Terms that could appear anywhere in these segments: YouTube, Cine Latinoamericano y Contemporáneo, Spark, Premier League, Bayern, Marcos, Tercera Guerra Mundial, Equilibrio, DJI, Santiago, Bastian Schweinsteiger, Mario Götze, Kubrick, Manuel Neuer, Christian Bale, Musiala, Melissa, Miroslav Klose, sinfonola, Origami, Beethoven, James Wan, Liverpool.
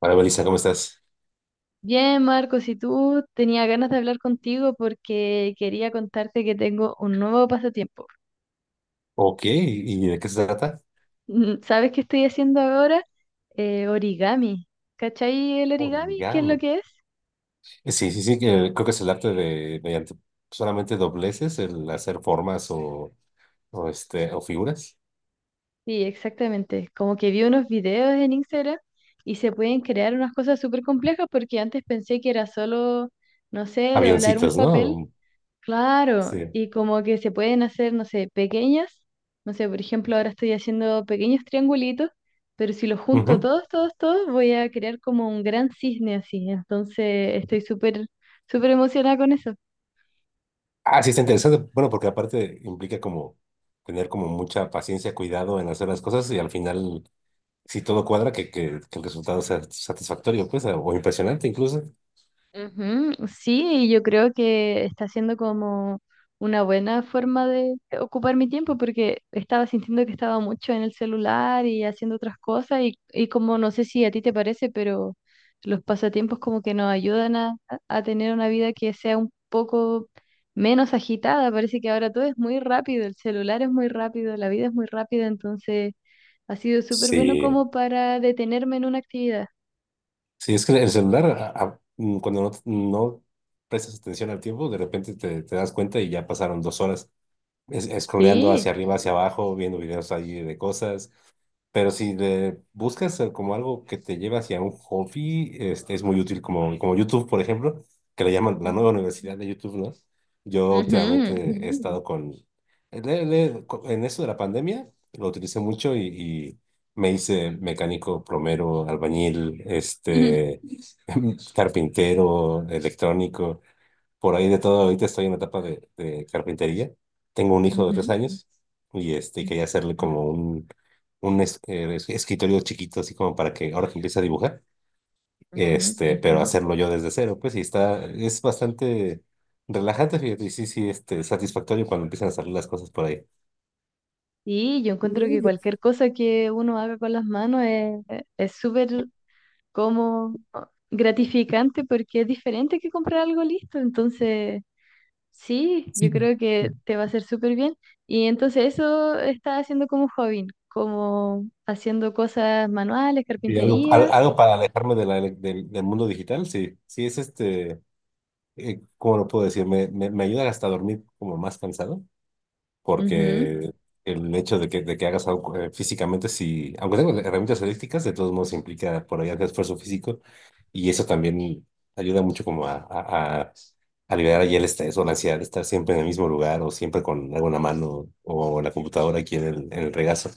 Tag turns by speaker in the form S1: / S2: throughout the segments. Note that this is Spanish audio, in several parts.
S1: Hola, Melissa, ¿cómo estás?
S2: Bien, Marcos, y tú tenía ganas de hablar contigo porque quería contarte que tengo un nuevo pasatiempo.
S1: Ok, ¿y de qué se trata?
S2: ¿Sabes qué estoy haciendo ahora? Origami. ¿Cachai el origami? ¿Qué es lo
S1: Origami.
S2: que es?
S1: Sí, sí, sí, que creo que es el arte de mediante solamente dobleces, el hacer formas o figuras.
S2: Sí, exactamente. Como que vi unos videos en Instagram y se pueden crear unas cosas súper complejas porque antes pensé que era solo, no sé, doblar un
S1: Avioncitos,
S2: papel.
S1: ¿no?
S2: Claro,
S1: Sí.
S2: y como que se pueden hacer, no sé, pequeñas, no sé, por ejemplo, ahora estoy haciendo pequeños triangulitos, pero si los junto
S1: Ujú.
S2: todos, todos, todos, voy a crear como un gran cisne así, entonces estoy súper, súper emocionada con eso.
S1: Ah, sí, está interesante. Bueno, porque aparte implica como tener como mucha paciencia, cuidado en hacer las cosas y al final, si todo cuadra, que el resultado sea satisfactorio, pues, o impresionante incluso.
S2: Ujú. Sí, yo creo que está siendo como una buena forma de ocupar mi tiempo porque estaba sintiendo que estaba mucho en el celular y haciendo otras cosas y como no sé si a ti te parece, pero los pasatiempos como que nos ayudan a tener una vida que sea un poco menos agitada. Parece que ahora todo es muy rápido, el celular es muy rápido, la vida es muy rápida, entonces ha sido súper bueno
S1: Sí.
S2: como para detenerme en una actividad.
S1: Sí, es que el celular, cuando no prestas atención al tiempo, de repente te das cuenta y ya pasaron 2 horas es, scrolleando hacia
S2: Sí.
S1: arriba, hacia abajo, viendo videos allí de cosas. Pero si le buscas como algo que te lleva hacia un hobby, es muy útil, como YouTube, por ejemplo, que le llaman la nueva universidad de YouTube, ¿no? Yo últimamente
S2: Ujú.
S1: he estado con... le- le- co- en eso de la pandemia, lo utilicé mucho y y me hice mecánico, plomero, albañil, carpintero, electrónico, por ahí de todo. Ahorita estoy en la etapa de carpintería. Tengo un hijo de tres
S2: Ujú,
S1: años y quería hacerle como un, un escritorio chiquito, así como para que ahora que empiece a dibujar,
S2: ujú.
S1: pero hacerlo yo desde cero, pues, y es bastante relajante, fíjate, y sí, sí, satisfactorio cuando empiezan a salir las cosas por ahí.
S2: Y yo encuentro que cualquier cosa que uno haga con las manos es súper como gratificante porque es diferente que comprar algo listo. Entonces, sí, yo creo que te va a hacer súper bien. Y entonces eso está haciendo como hobby, como haciendo cosas manuales,
S1: Y
S2: carpintería.
S1: algo para alejarme del mundo digital, sí, sí es ¿cómo lo puedo decir? Me ayuda hasta a dormir como más cansado, porque el hecho de que hagas algo físicamente, si, aunque tengas herramientas eléctricas, de todos modos implica por ahí hacer esfuerzo físico y eso también ayuda mucho como a liberar ahí el estrés o la ansiedad de estar siempre en el mismo lugar o siempre con alguna mano o la computadora aquí en el regazo.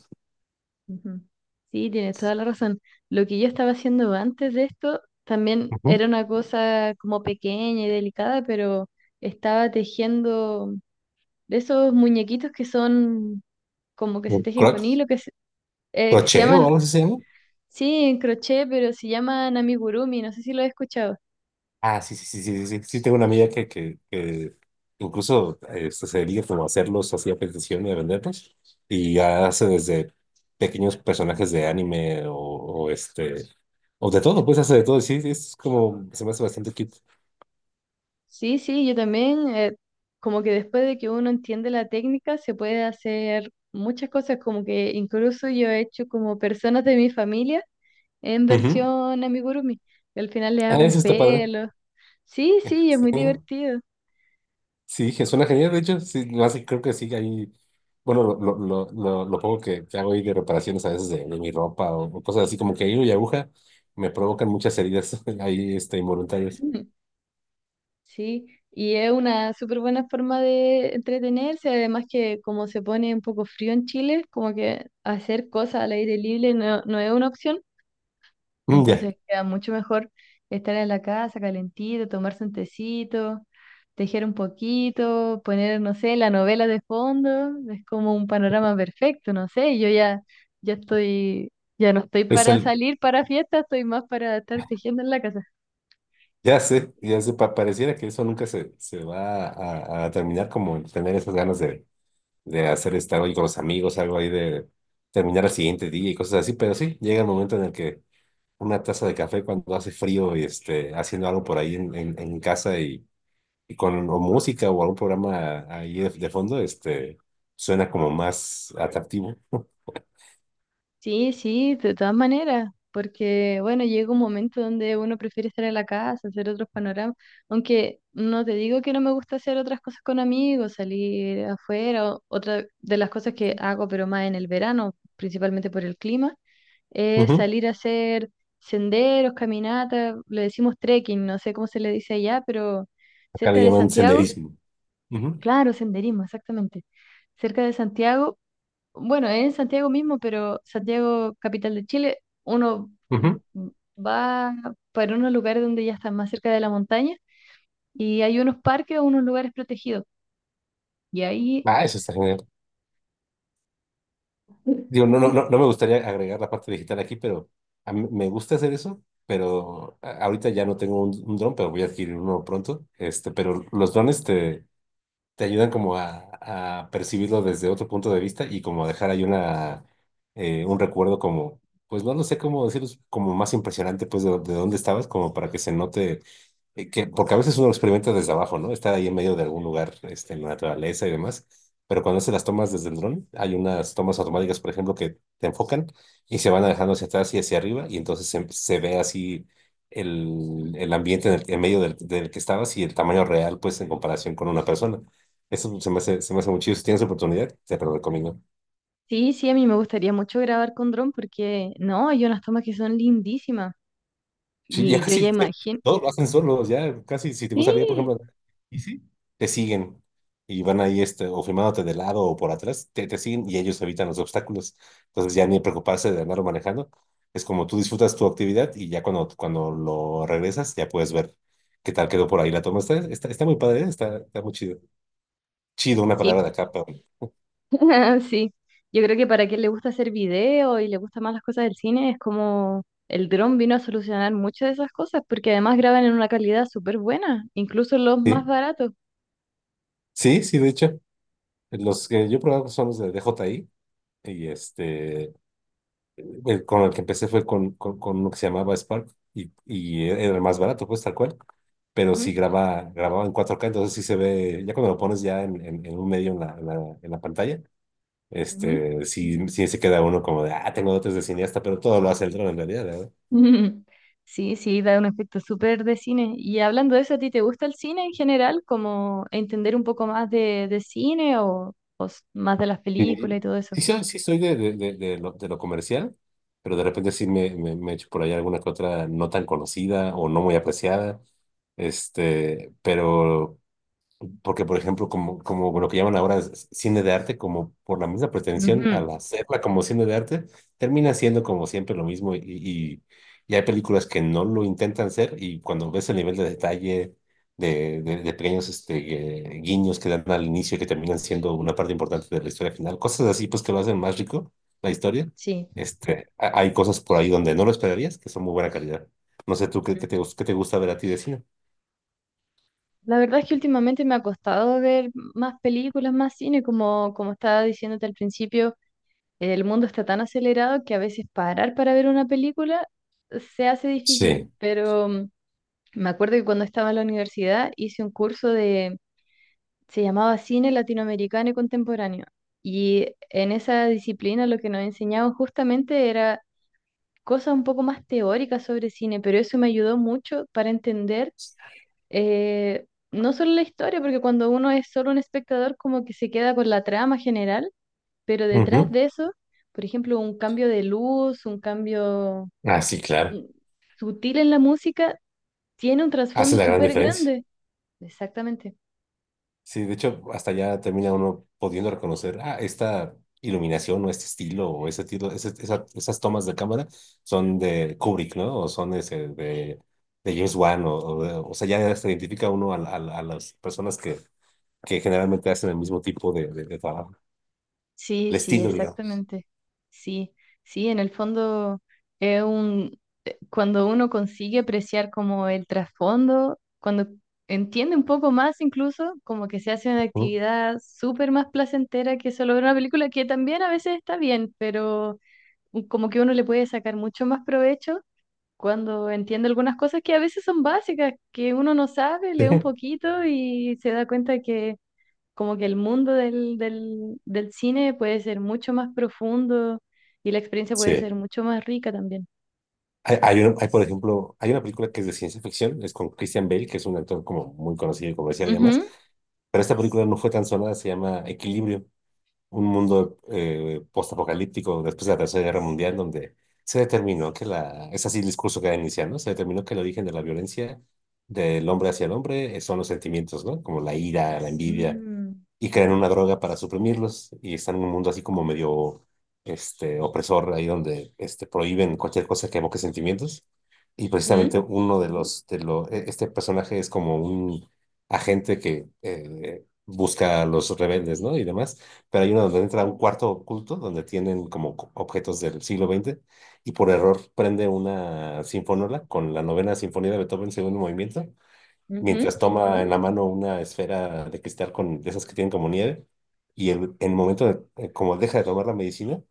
S2: Ujú. Sí, tienes toda la razón. Lo que yo estaba haciendo antes de esto también
S1: Ujú.
S2: era una cosa como pequeña y delicada, pero estaba tejiendo de esos muñequitos que son como que
S1: O
S2: se tejen con hilo, que se
S1: crochet o
S2: llaman,
S1: algo así se llama.
S2: sí, en crochet, pero se llaman amigurumi, no sé si lo he escuchado.
S1: Ah, sí, sí, sí, sí, sí, sí, tengo una amiga que incluso se dedica como a hacerlos así a petición y a venderlos y hace desde pequeños personajes de anime o de todo, pues hace de todo, sí, es como, se me hace bastante cute.
S2: Sí, sí, yo también, como que después de que uno entiende la técnica, se puede hacer muchas cosas, como que incluso yo he hecho como personas de mi familia en
S1: Ujú.
S2: versión amigurumi. Y al final le
S1: Ah,
S2: hago un
S1: eso está padre.
S2: pelo. Sí, sí, es
S1: Sí,
S2: muy divertido.
S1: sí, que suena genial, de hecho, sí, no, así creo que sí, ahí, bueno, lo poco que hago ahí de reparaciones a veces de mi ropa o, cosas así como que hilo y aguja me provocan muchas heridas ahí, involuntarias.
S2: Sí, y es una súper buena forma de entretenerse, además que como se pone un poco frío en Chile, como que hacer cosas al aire libre no, no es una opción.
S1: Ya,
S2: Entonces queda mucho mejor estar en la casa calentito, tomarse un tecito, tejer un poquito, poner, no sé, la novela de fondo. Es como un panorama perfecto, no sé. Yo ya, ya estoy, ya no estoy
S1: es
S2: para
S1: el,
S2: salir para fiestas, estoy más para estar tejiendo en la casa.
S1: ya sé, pareciera que eso nunca se va a terminar, como el tener esas ganas de hacer estar hoy con los amigos, algo ahí de terminar el siguiente día y cosas así, pero sí, llega el momento en el que una taza de café cuando hace frío y haciendo algo por ahí en casa y con o música o algún programa ahí de fondo, suena como más atractivo.
S2: Sí, sí, de todas maneras, porque bueno, llega un momento donde uno prefiere estar en la casa, hacer otros panoramas, aunque no te digo que no me gusta hacer otras cosas con amigos, salir afuera, otra de las cosas que hago, pero más en el verano, principalmente por el clima, es
S1: Ujú.
S2: salir a hacer senderos, caminatas, le decimos trekking, no sé cómo se le dice allá, pero
S1: Acá
S2: cerca
S1: le
S2: de
S1: llaman
S2: Santiago,
S1: senderismo. Ujú,
S2: claro, senderismo, exactamente. Cerca de Santiago, bueno, es en Santiago mismo, pero Santiago, capital de Chile, uno
S1: ujú.
S2: va para unos lugares donde ya está más cerca de la montaña y hay unos parques o unos lugares protegidos. Y ahí,
S1: Ah, eso está genial. Digo, no, no, no, no me gustaría agregar la parte digital aquí, pero a mí me gusta hacer eso, pero ahorita ya no tengo un dron, pero voy a adquirir uno pronto. Pero los drones te ayudan como a percibirlo desde otro punto de vista y como a dejar ahí un recuerdo como, pues no lo sé cómo decirlo, como más impresionante pues de dónde estabas, como para que se note, porque a veces uno lo experimenta desde abajo, ¿no? Está ahí en medio de algún lugar, en la naturaleza y demás, pero cuando se las tomas desde el dron, hay unas tomas automáticas, por ejemplo, que te enfocan y se van alejando hacia atrás y hacia arriba y entonces se ve así. El ambiente en medio del que estabas y el tamaño real, pues en comparación con una persona. Eso se me hace muy chido. Si tienes oportunidad, te lo recomiendo.
S2: sí, sí, a mí me gustaría mucho grabar con dron porque, no, hay unas tomas que son lindísimas
S1: Sí, ya
S2: y yo ya
S1: casi
S2: imagino.
S1: todos lo hacen solos, ya casi. Si te gustaría, por ejemplo,
S2: Sí,
S1: y sí, te siguen y van ahí o filmándote de lado o por atrás, te siguen y ellos evitan los obstáculos. Entonces ya ni preocuparse de andarlo manejando. Es como tú disfrutas tu actividad y ya cuando lo regresas, ya puedes ver qué tal quedó por ahí la toma. Está muy padre, ¿eh? está muy chido. Chido, una palabra
S2: sí.
S1: de acá, pero
S2: Sí, yo creo que para quien le gusta hacer video y le gustan más las cosas del cine, es como el dron vino a solucionar muchas de esas cosas, porque además graban en una calidad súper buena, incluso los más
S1: sí,
S2: baratos.
S1: sí, sí, de hecho. Los que yo he probado son los de DJI y con el que empecé fue con uno que se llamaba Spark y era el más barato, pues tal cual. Pero sí
S2: Ujú,
S1: grababa en 4K entonces sí se ve, ya cuando lo pones ya en un medio en la pantalla,
S2: ujú.
S1: sí, sí se queda uno como de, ah, tengo dotes de cineasta, pero todo lo hace el dron en realidad, ¿verdad?
S2: Sí, sí, da un efecto súper de cine. Y hablando de eso, ¿a ti te gusta el cine en general? Como entender un poco más de cine o, más de las películas
S1: Sí,
S2: y todo eso.
S1: sí, sí soy de lo comercial, pero de repente sí me echo por ahí alguna que otra no tan conocida o no muy apreciada. Pero porque por ejemplo, como lo que llaman ahora es cine de arte, como por la misma pretensión
S2: Ujú.
S1: al hacerla como cine de arte, termina siendo como siempre lo mismo y hay películas que no lo intentan ser y cuando ves el nivel de detalle de pequeños guiños que dan al inicio y que terminan siendo una parte importante de la historia final, cosas así pues que lo hacen más rico la historia,
S2: Sí.
S1: hay cosas por ahí donde no lo esperarías que son muy buena calidad. No sé tú qué te gusta ver a ti de cine.
S2: La verdad es que últimamente me ha costado ver más películas, más cine, como, como estaba diciéndote al principio, el mundo está tan acelerado que a veces parar para ver una película se hace difícil,
S1: Sí.
S2: pero me acuerdo que cuando estaba en la universidad hice un curso de, se llamaba Cine Latinoamericano y Contemporáneo, y en esa disciplina lo que nos enseñaban justamente era cosas un poco más teóricas sobre cine, pero eso me ayudó mucho para entender, no solo la historia, porque cuando uno es solo un espectador, como que se queda con la trama general, pero detrás
S1: Ujú.
S2: de eso, por ejemplo, un cambio de luz, un cambio
S1: Ah, sí, claro.
S2: mm, sutil en la música, tiene un
S1: Hace
S2: trasfondo
S1: la gran
S2: súper
S1: diferencia.
S2: grande. Exactamente.
S1: Sí, de hecho, hasta ya termina uno pudiendo reconocer, ah, esta iluminación o este estilo o ese tiro, esas tomas de cámara son de Kubrick, ¿no? O son ese de James Wan, o sea, ya se identifica uno a las personas que generalmente hacen el mismo tipo de trabajo,
S2: Sí,
S1: el
S2: sí,
S1: estilo, digamos.
S2: exactamente. Sí, sí, en el fondo es un, cuando uno consigue apreciar como el trasfondo, cuando entiende un poco más incluso, como que se hace una
S1: ¿No?
S2: actividad súper más placentera que solo ver una película, que también a veces está bien, pero como que uno le puede sacar mucho más provecho cuando entiende algunas cosas que a veces son básicas, que uno no sabe,
S1: Sí.
S2: lee un poquito y se da cuenta que como que el mundo del cine puede ser mucho más profundo y la experiencia puede
S1: Sí.
S2: ser mucho más rica también.
S1: Hay, por ejemplo, hay una película que es de ciencia ficción, es con Christian Bale, que es un actor como muy conocido y comercial y demás,
S2: Ujú.
S1: pero esta película no fue tan sonada, se llama Equilibrio, un mundo postapocalíptico después de la Tercera Guerra Mundial, donde se determinó es así el discurso que da iniciando, se determinó que el origen de la violencia del hombre hacia el hombre son los sentimientos, ¿no? Como la ira, la envidia,
S2: Mm.
S1: y crean una droga para suprimirlos y están en un mundo así como medio opresor, ahí donde prohíben cualquier cosa que evoque sentimientos. Y precisamente
S2: Ujú,
S1: uno de los, de lo, e- este personaje es como un agente que busca a los rebeldes, ¿no? Y demás. Pero hay uno donde entra a un cuarto oculto donde tienen como objetos del siglo XX y por error prende una sinfonola con la novena sinfonía de Beethoven, segundo movimiento, mientras
S2: ujú,
S1: toma en la mano una esfera de cristal con de esas que tienen como nieve. En el momento como deja de tomar la medicina,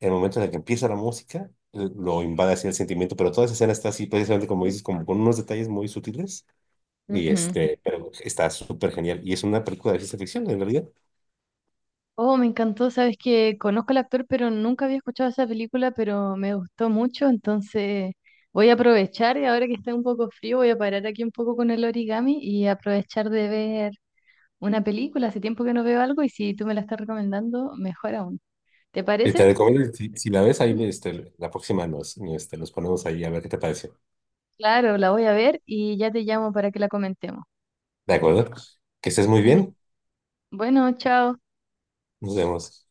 S1: en el momento en el que empieza la música, lo invade así el sentimiento. Pero toda esa escena está así, precisamente como dices, como con unos detalles muy sutiles.
S2: ujú.
S1: Pero está súper genial. Y es una película de ciencia ficción, en realidad.
S2: Oh, me encantó, sabes que conozco al actor, pero nunca había escuchado esa película, pero me gustó mucho, entonces voy a aprovechar y ahora que está un poco frío, voy a parar aquí un poco con el origami y aprovechar de ver una película. Hace tiempo que no veo algo y si tú me la estás recomendando, mejor aún. ¿Te
S1: Te
S2: parece?
S1: recomiendo, si la ves ahí, la próxima nos ponemos ahí a ver qué te pareció.
S2: Claro, la voy a ver y ya te llamo para que la comentemos.
S1: ¿De acuerdo? Que estés muy
S2: Ujú.
S1: bien.
S2: Bueno, chao.
S1: Nos vemos.